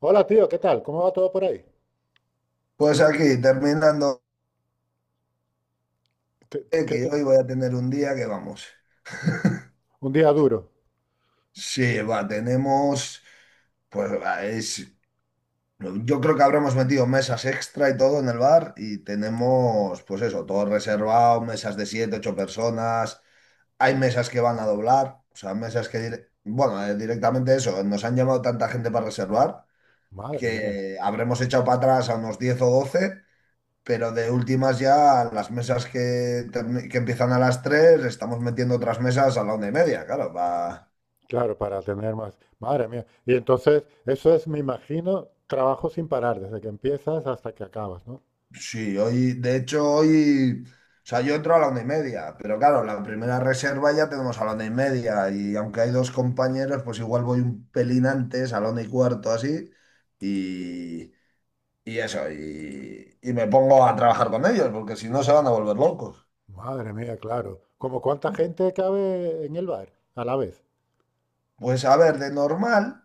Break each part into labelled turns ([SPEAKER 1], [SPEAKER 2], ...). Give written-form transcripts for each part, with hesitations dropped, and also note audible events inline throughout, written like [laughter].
[SPEAKER 1] Hola tío, ¿qué tal? ¿Cómo va todo por ahí?
[SPEAKER 2] Pues aquí, terminando,
[SPEAKER 1] ¿Qué- qué
[SPEAKER 2] que
[SPEAKER 1] te-
[SPEAKER 2] hoy voy a tener un día que vamos. [laughs]
[SPEAKER 1] Un día duro.
[SPEAKER 2] Sí, va, tenemos, pues va, es, yo creo que habremos metido mesas extra y todo en el bar y tenemos, pues eso, todo reservado, mesas de siete, ocho personas, hay mesas que van a doblar, o sea, mesas que, directamente eso, nos han llamado tanta gente para reservar
[SPEAKER 1] Madre mía.
[SPEAKER 2] que habremos echado para atrás a unos 10 o 12. Pero de últimas ya, las mesas que empiezan a las 3 estamos metiendo otras mesas a la 1:30, claro. Va.
[SPEAKER 1] Claro, para tener más. Madre mía. Y entonces, eso es, me imagino, trabajo sin parar, desde que empiezas hasta que acabas, ¿no?
[SPEAKER 2] Sí, hoy, de hecho, hoy, o sea, yo entro a la 1:30, pero claro, la primera reserva ya tenemos a la 1:30, y aunque hay dos compañeros, pues igual voy un pelín antes, a la 1:15, así, y, y eso, y me pongo a trabajar con ellos, porque si no se van a volver locos.
[SPEAKER 1] Madre mía, claro. ¿Como cuánta gente cabe en el bar a la vez?
[SPEAKER 2] Pues a ver, de normal.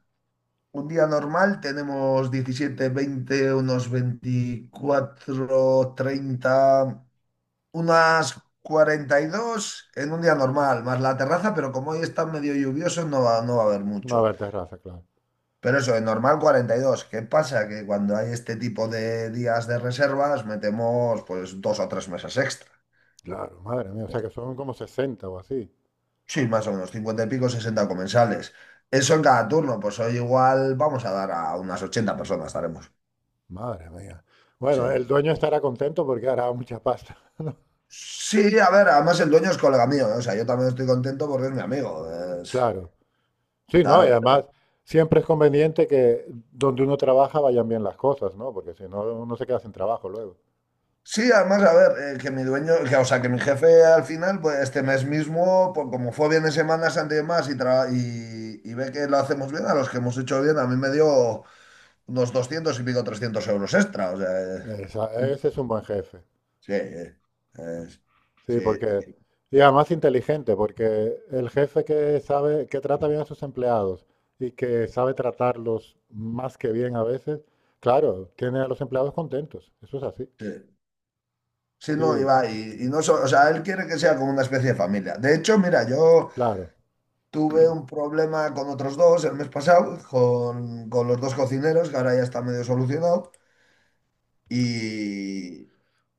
[SPEAKER 2] Un día normal tenemos 17, 20, unos 24, 30, unas 42 en un día normal, más la terraza, pero como hoy está medio lluvioso no va, no va a haber
[SPEAKER 1] No
[SPEAKER 2] mucho.
[SPEAKER 1] haber terraza, claro.
[SPEAKER 2] Pero eso, en normal 42. ¿Qué pasa? Que cuando hay este tipo de días de reservas metemos pues dos o tres mesas extra.
[SPEAKER 1] Claro, madre mía. O sea que son como 60 o así.
[SPEAKER 2] Sí, más o menos, 50 y pico, 60 comensales. Eso en cada turno, pues hoy igual vamos a dar a unas 80 personas, estaremos.
[SPEAKER 1] Madre mía.
[SPEAKER 2] Sí.
[SPEAKER 1] Bueno, el dueño estará contento porque hará mucha pasta, [laughs] ¿no?
[SPEAKER 2] Sí, a ver, además el dueño es colega mío, ¿eh? O sea, yo también estoy contento porque es mi amigo. es-
[SPEAKER 1] Claro. Sí, ¿no? Y
[SPEAKER 2] Claro.
[SPEAKER 1] además siempre es conveniente que donde uno trabaja vayan bien las cosas, ¿no? Porque si no, uno se queda sin trabajo luego.
[SPEAKER 2] Sí, además, a ver, que mi dueño, que, o sea, que mi jefe al final, pues este mes mismo, pues, como fue bien de Semana Santa y demás, y ve que lo hacemos bien, a los que hemos hecho bien, a mí me dio unos 200 y pico 300 € extra, o sea, eh,
[SPEAKER 1] Ese es un buen jefe.
[SPEAKER 2] sí, es-
[SPEAKER 1] Sí,
[SPEAKER 2] sí,
[SPEAKER 1] porque...
[SPEAKER 2] sí,
[SPEAKER 1] Y además inteligente, porque el jefe que sabe, que trata bien a sus empleados y que sabe tratarlos más que bien a veces, claro, tiene a los empleados contentos. Eso es así.
[SPEAKER 2] sí. Sí, no,
[SPEAKER 1] Sí,
[SPEAKER 2] iba, y, va, y no, o sea, él quiere que sea como una especie de familia. De hecho, mira, yo...
[SPEAKER 1] claro.
[SPEAKER 2] Tuve un problema con otros dos el mes pasado, con los dos cocineros, que ahora ya está medio solucionado. Y,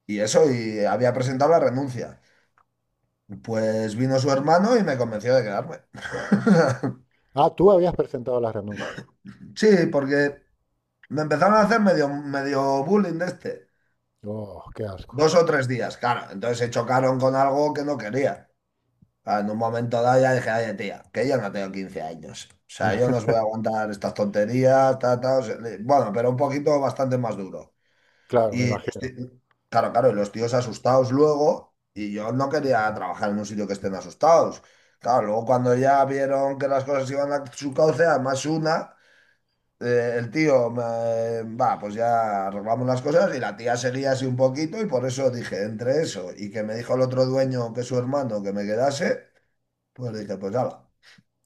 [SPEAKER 2] y eso, y había presentado la renuncia. Pues vino su hermano y me convenció de quedarme. [laughs]
[SPEAKER 1] Ah, tú habías presentado la renuncia.
[SPEAKER 2] Sí, porque me empezaron a hacer medio bullying de este.
[SPEAKER 1] Oh, qué asco.
[SPEAKER 2] 2 o 3 días, claro. Entonces se chocaron con algo que no quería. Ah, en un momento dado ya dije, oye, tía, que yo no tengo 15 años. O sea, yo no os voy a aguantar estas tonterías, ta, ta, o sea, le- bueno, pero un poquito bastante más duro.
[SPEAKER 1] Claro, me
[SPEAKER 2] Y los
[SPEAKER 1] imagino.
[SPEAKER 2] ti- claro, claro, y los tíos asustados luego, y yo no quería trabajar en un sitio que estén asustados. Claro, luego cuando ya vieron que las cosas iban a su cauce, además una, el tío, me- va, pues ya arreglamos las cosas y la tía seguía así un poquito y por eso dije, entre eso y que me dijo el otro dueño que su hermano que me quedase. Pues dije, pues ya va.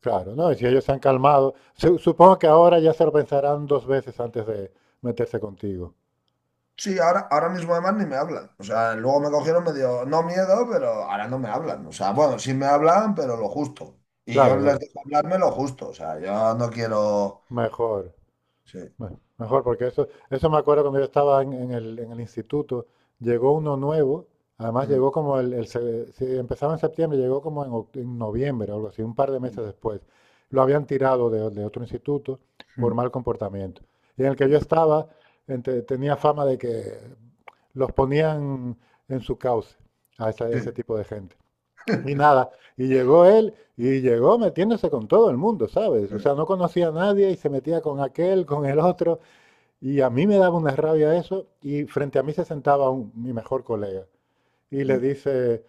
[SPEAKER 1] Claro, no, y si ellos se han calmado, supongo que ahora ya se lo pensarán dos veces antes de meterse contigo.
[SPEAKER 2] Sí, ahora, ahora mismo además ni me hablan. O sea, luego me cogieron medio, no miedo, pero ahora no me hablan. O sea, bueno, sí me hablan, pero lo justo. Y yo
[SPEAKER 1] Claro,
[SPEAKER 2] les
[SPEAKER 1] lo-
[SPEAKER 2] dejo hablarme lo justo. O sea, yo no quiero...
[SPEAKER 1] Mejor.
[SPEAKER 2] Sí.
[SPEAKER 1] Bueno, mejor, porque eso me acuerdo cuando yo estaba en el instituto, llegó uno nuevo,
[SPEAKER 2] Sí.
[SPEAKER 1] además llegó como si empezaba en septiembre, llegó como en, en noviembre o algo así, un par de meses después. Lo habían tirado de otro instituto por mal comportamiento. Y en el que yo estaba, tenía fama de que los ponían en su cauce a
[SPEAKER 2] Sí,
[SPEAKER 1] ese tipo de gente. Y nada, y llegó él y llegó metiéndose con todo el mundo, ¿sabes? O sea, no conocía a nadie y se metía con aquel, con el otro, y a mí me daba una rabia eso y frente a mí se sentaba mi mejor colega y le dice,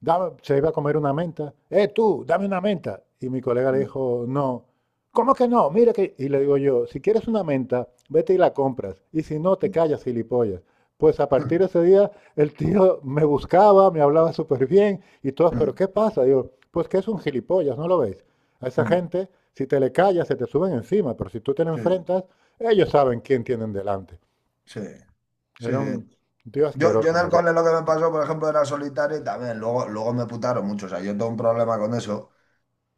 [SPEAKER 1] Se iba a comer una menta. ¡Eh, tú, dame una menta! Y mi colega le dijo, no. ¿Cómo que no? Mira que... Y le digo yo, si quieres una menta, vete y la compras. Y si no, te callas, gilipollas. Pues a partir de ese día, el tío me buscaba, me hablaba súper bien y todo. ¿Pero qué pasa? Digo, pues que es un gilipollas, ¿no lo veis? A esa gente, si te le callas, se te suben encima. Pero si tú te le enfrentas, ellos saben quién tienen delante.
[SPEAKER 2] sí, sí,
[SPEAKER 1] Era un
[SPEAKER 2] sí.
[SPEAKER 1] tío
[SPEAKER 2] Yo
[SPEAKER 1] asqueroso,
[SPEAKER 2] en
[SPEAKER 1] me
[SPEAKER 2] el
[SPEAKER 1] acuerdo.
[SPEAKER 2] cole lo que me pasó, por ejemplo, era solitario y también luego me putaron mucho. O sea, yo tengo un problema con eso.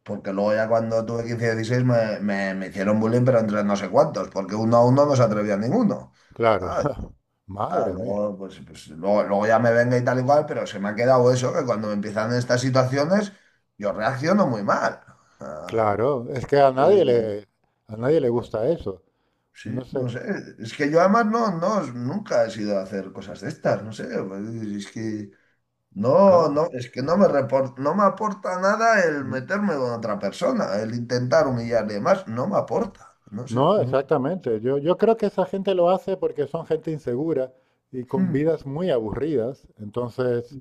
[SPEAKER 2] Porque luego ya cuando tuve 15 y 16 me hicieron bullying, pero entre no sé cuántos, porque uno a uno no se atrevía ninguno.
[SPEAKER 1] Claro.
[SPEAKER 2] Ah,
[SPEAKER 1] [laughs]
[SPEAKER 2] ah,
[SPEAKER 1] Madre mía.
[SPEAKER 2] luego, pues, luego ya me venga y tal y cual, pero se me ha quedado eso, que cuando me empiezan estas situaciones, yo reacciono muy mal. Ah,
[SPEAKER 1] Claro, es que
[SPEAKER 2] yo digo,
[SPEAKER 1] a nadie le
[SPEAKER 2] ah,
[SPEAKER 1] gusta eso.
[SPEAKER 2] sí,
[SPEAKER 1] Yo no sé,
[SPEAKER 2] no sé, es que yo además no, nunca he sido a hacer cosas de estas, no sé, pues, es que no,
[SPEAKER 1] claro.
[SPEAKER 2] no, es que no me aporta nada el
[SPEAKER 1] N-
[SPEAKER 2] meterme con otra persona, el intentar humillarle más, no me aporta, no sé.
[SPEAKER 1] No,
[SPEAKER 2] No.
[SPEAKER 1] exactamente. Yo creo que esa gente lo hace porque son gente insegura y con
[SPEAKER 2] Hmm.
[SPEAKER 1] vidas muy aburridas. Entonces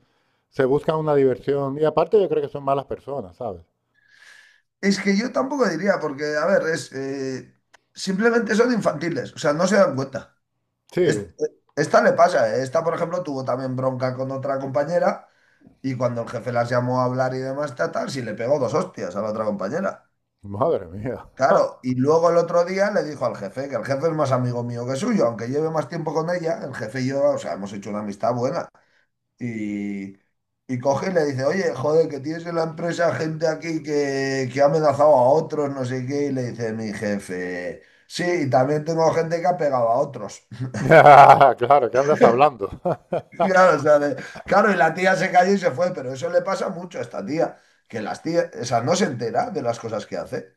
[SPEAKER 1] se busca una diversión. Y aparte yo creo que son malas personas, ¿sabes?
[SPEAKER 2] Es que yo tampoco diría, porque, a ver, es simplemente son infantiles, o sea, no se dan cuenta. Es-
[SPEAKER 1] Sí,
[SPEAKER 2] Esta le pasa, ¿eh? Esta, por ejemplo, tuvo también bronca con otra compañera y cuando el jefe las llamó a hablar y demás, tal, tal, sí le pegó dos hostias a la otra compañera.
[SPEAKER 1] madre mía.
[SPEAKER 2] Claro,
[SPEAKER 1] [laughs]
[SPEAKER 2] y luego el otro día le dijo al jefe, que el jefe es más amigo mío que suyo, aunque lleve más tiempo con ella, el jefe y yo, o sea, hemos hecho una amistad buena. Y, y coge y le dice, oye, joder, que tienes en la empresa gente aquí que ha amenazado a otros, no sé qué, y le dice mi jefe, sí, y también tengo gente que ha pegado a otros. [laughs]
[SPEAKER 1] [laughs] Claro, ¿qué andas hablando? [laughs]
[SPEAKER 2] Claro, o sea, claro, y la tía se cayó y se fue, pero eso le pasa mucho a esta tía, que las tías, o sea, no se entera de las cosas que hace.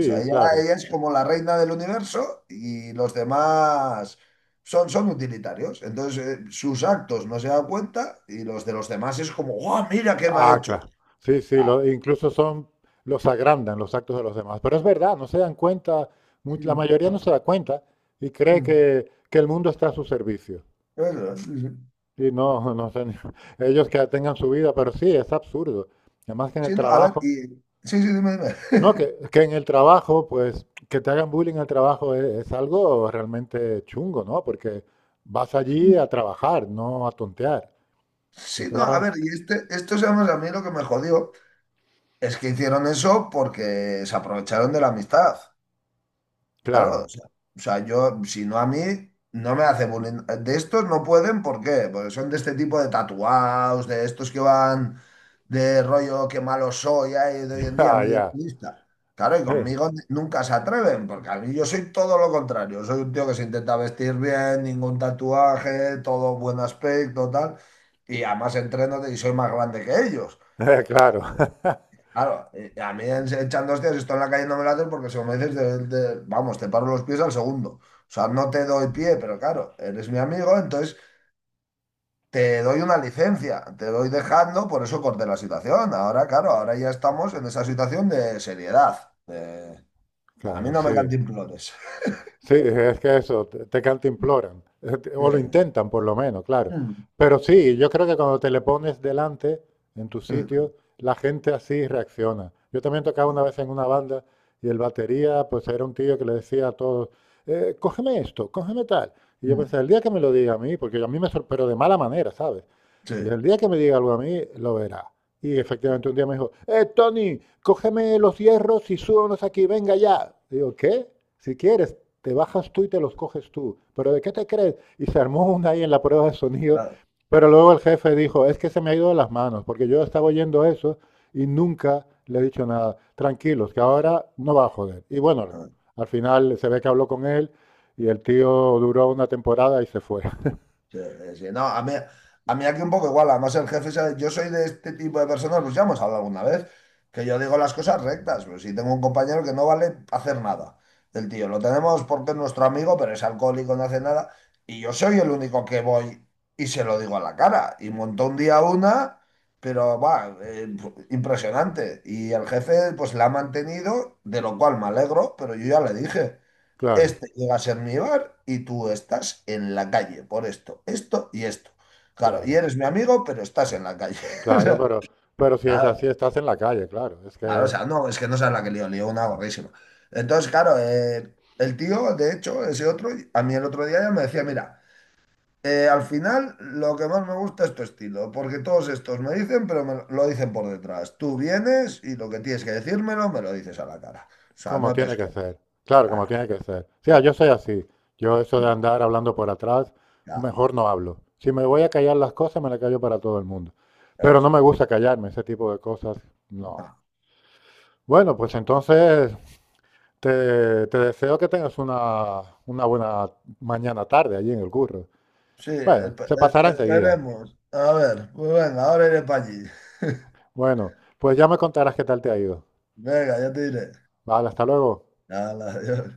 [SPEAKER 2] O sea, ella,
[SPEAKER 1] claro.
[SPEAKER 2] ella es como la reina del universo y los demás son utilitarios. Entonces, sus actos no se dan cuenta y los de los demás es como, ¡guau, mira qué me ha
[SPEAKER 1] Ah,
[SPEAKER 2] hecho!
[SPEAKER 1] claro. Sí, sí,
[SPEAKER 2] Ah.
[SPEAKER 1] incluso son, los agrandan los actos de los demás. Pero es verdad, no se dan cuenta,
[SPEAKER 2] [laughs]
[SPEAKER 1] la
[SPEAKER 2] Mm,
[SPEAKER 1] mayoría no se da cuenta y cree
[SPEAKER 2] mm.
[SPEAKER 1] que el mundo está a su servicio.
[SPEAKER 2] Eso, sí, sí.
[SPEAKER 1] Y no, no sé, [laughs] ellos que tengan su vida, pero sí, es absurdo. Además que en el
[SPEAKER 2] Sí, no, a ver,
[SPEAKER 1] trabajo,
[SPEAKER 2] y... Sí, sí, dime, dime.
[SPEAKER 1] no, que en el trabajo, pues, que te hagan bullying en el trabajo es algo realmente chungo, ¿no? Porque vas allí a
[SPEAKER 2] [laughs]
[SPEAKER 1] trabajar, no a tontear. Que
[SPEAKER 2] Sí,
[SPEAKER 1] te
[SPEAKER 2] no,
[SPEAKER 1] lo
[SPEAKER 2] a
[SPEAKER 1] hagan-
[SPEAKER 2] ver, y este, esto, digamos, a mí lo que me jodió es que hicieron eso porque se aprovecharon de la amistad.
[SPEAKER 1] Claro,
[SPEAKER 2] Claro, o sea, yo, si no a mí, no me hace bullying. De estos no pueden, ¿por qué? Porque son de este tipo de tatuados, de estos que van de rollo que malo soy, ay, de hoy
[SPEAKER 1] [laughs]
[SPEAKER 2] en día,
[SPEAKER 1] ah,
[SPEAKER 2] medio
[SPEAKER 1] ya,
[SPEAKER 2] turista. Claro, y conmigo nunca se atreven, porque a mí yo soy todo lo contrario. Soy un tío que se intenta vestir bien, ningún tatuaje, todo buen aspecto, tal. Y además entreno y soy más grande que ellos.
[SPEAKER 1] [laughs] claro.
[SPEAKER 2] Claro, a mí echando hostias, estoy en la calle no me lates porque si me dices, vamos, te paro los pies al segundo. O sea, no te doy pie, pero claro, eres mi amigo, entonces te doy una licencia, te doy dejando, por eso corté la situación. Ahora, claro, ahora ya estamos en esa situación de seriedad. A mí
[SPEAKER 1] Claro,
[SPEAKER 2] no me
[SPEAKER 1] sí.
[SPEAKER 2] cantimplores.
[SPEAKER 1] Sí, es que eso, te cantimploran,
[SPEAKER 2] [laughs] Sí.
[SPEAKER 1] o lo intentan por lo menos, claro.
[SPEAKER 2] Mm.
[SPEAKER 1] Pero sí, yo creo que cuando te le pones delante en tu
[SPEAKER 2] Sí.
[SPEAKER 1] sitio, la gente así reacciona. Yo también tocaba
[SPEAKER 2] Sí.
[SPEAKER 1] una vez en una banda y el batería, pues era un tío que le decía a todos, cógeme esto, cógeme tal." Y yo
[SPEAKER 2] Mm.
[SPEAKER 1] pensé, el día que me lo diga a mí, porque a mí me sorprendió, pero de mala manera, ¿sabes?
[SPEAKER 2] Sí.
[SPEAKER 1] Y el día que me diga algo a mí, lo verá. Y efectivamente un día me dijo, Tony, cógeme los hierros y súbanos aquí, venga ya. Digo, ¿qué? Si quieres, te bajas tú y te los coges tú. ¿Pero de qué te crees? Y se armó una ahí en la prueba de sonido.
[SPEAKER 2] Claro.
[SPEAKER 1] Pero luego el jefe dijo, es que se me ha ido de las manos, porque yo estaba oyendo eso y nunca le he dicho nada. Tranquilos, que ahora no va a joder. Y bueno, al final se ve que habló con él y el tío duró una temporada y se fue. [laughs]
[SPEAKER 2] Sí, sí, no, a mí aquí un poco igual, además el jefe, yo soy de este tipo de personas, pues ya hemos hablado alguna vez, que yo digo las cosas rectas, pero si tengo un compañero que no vale hacer nada, el tío, lo tenemos porque es nuestro amigo, pero es alcohólico, no hace nada, y yo soy el único que voy y se lo digo a la cara, y montó un día una, pero va, impresionante, y el jefe pues la ha mantenido, de lo cual me alegro, pero yo ya le dije.
[SPEAKER 1] Claro,
[SPEAKER 2] Este llega a ser mi bar y tú estás en la calle por esto, esto y esto. Claro, y
[SPEAKER 1] claro,
[SPEAKER 2] eres mi amigo, pero estás en la calle. [laughs]
[SPEAKER 1] claro, pero si es así,
[SPEAKER 2] Claro,
[SPEAKER 1] estás en la calle, claro. Es
[SPEAKER 2] claro, o
[SPEAKER 1] que...
[SPEAKER 2] sea, no, es que no sabes la que lío, lío una gordísima. Entonces, claro, el tío, de hecho, ese otro, a mí el otro día ya me decía, mira, al final lo que más me gusta es tu estilo, porque todos estos me dicen, pero me lo dicen por detrás. Tú vienes y lo que tienes que decírmelo, me lo dices a la cara. O sea,
[SPEAKER 1] Como
[SPEAKER 2] no te
[SPEAKER 1] tiene que
[SPEAKER 2] escondes.
[SPEAKER 1] ser. Claro, como
[SPEAKER 2] Claro,
[SPEAKER 1] tiene que ser. O sea, yo soy así. Yo eso de andar hablando por atrás,
[SPEAKER 2] claro,
[SPEAKER 1] mejor no hablo. Si me voy a callar las cosas, me las callo para todo el mundo. Pero no
[SPEAKER 2] eso
[SPEAKER 1] me gusta callarme, ese tipo de cosas, no.
[SPEAKER 2] es.
[SPEAKER 1] Bueno, pues entonces te deseo que tengas una buena mañana tarde allí en el curro.
[SPEAKER 2] Sí,
[SPEAKER 1] Bueno, se pasará enseguida.
[SPEAKER 2] esperemos. A ver, pues venga, ahora iré para allí. [laughs]
[SPEAKER 1] Bueno, pues ya me contarás qué tal te ha ido.
[SPEAKER 2] Venga, ya te diré.
[SPEAKER 1] Vale, hasta luego.
[SPEAKER 2] Hala, adiós.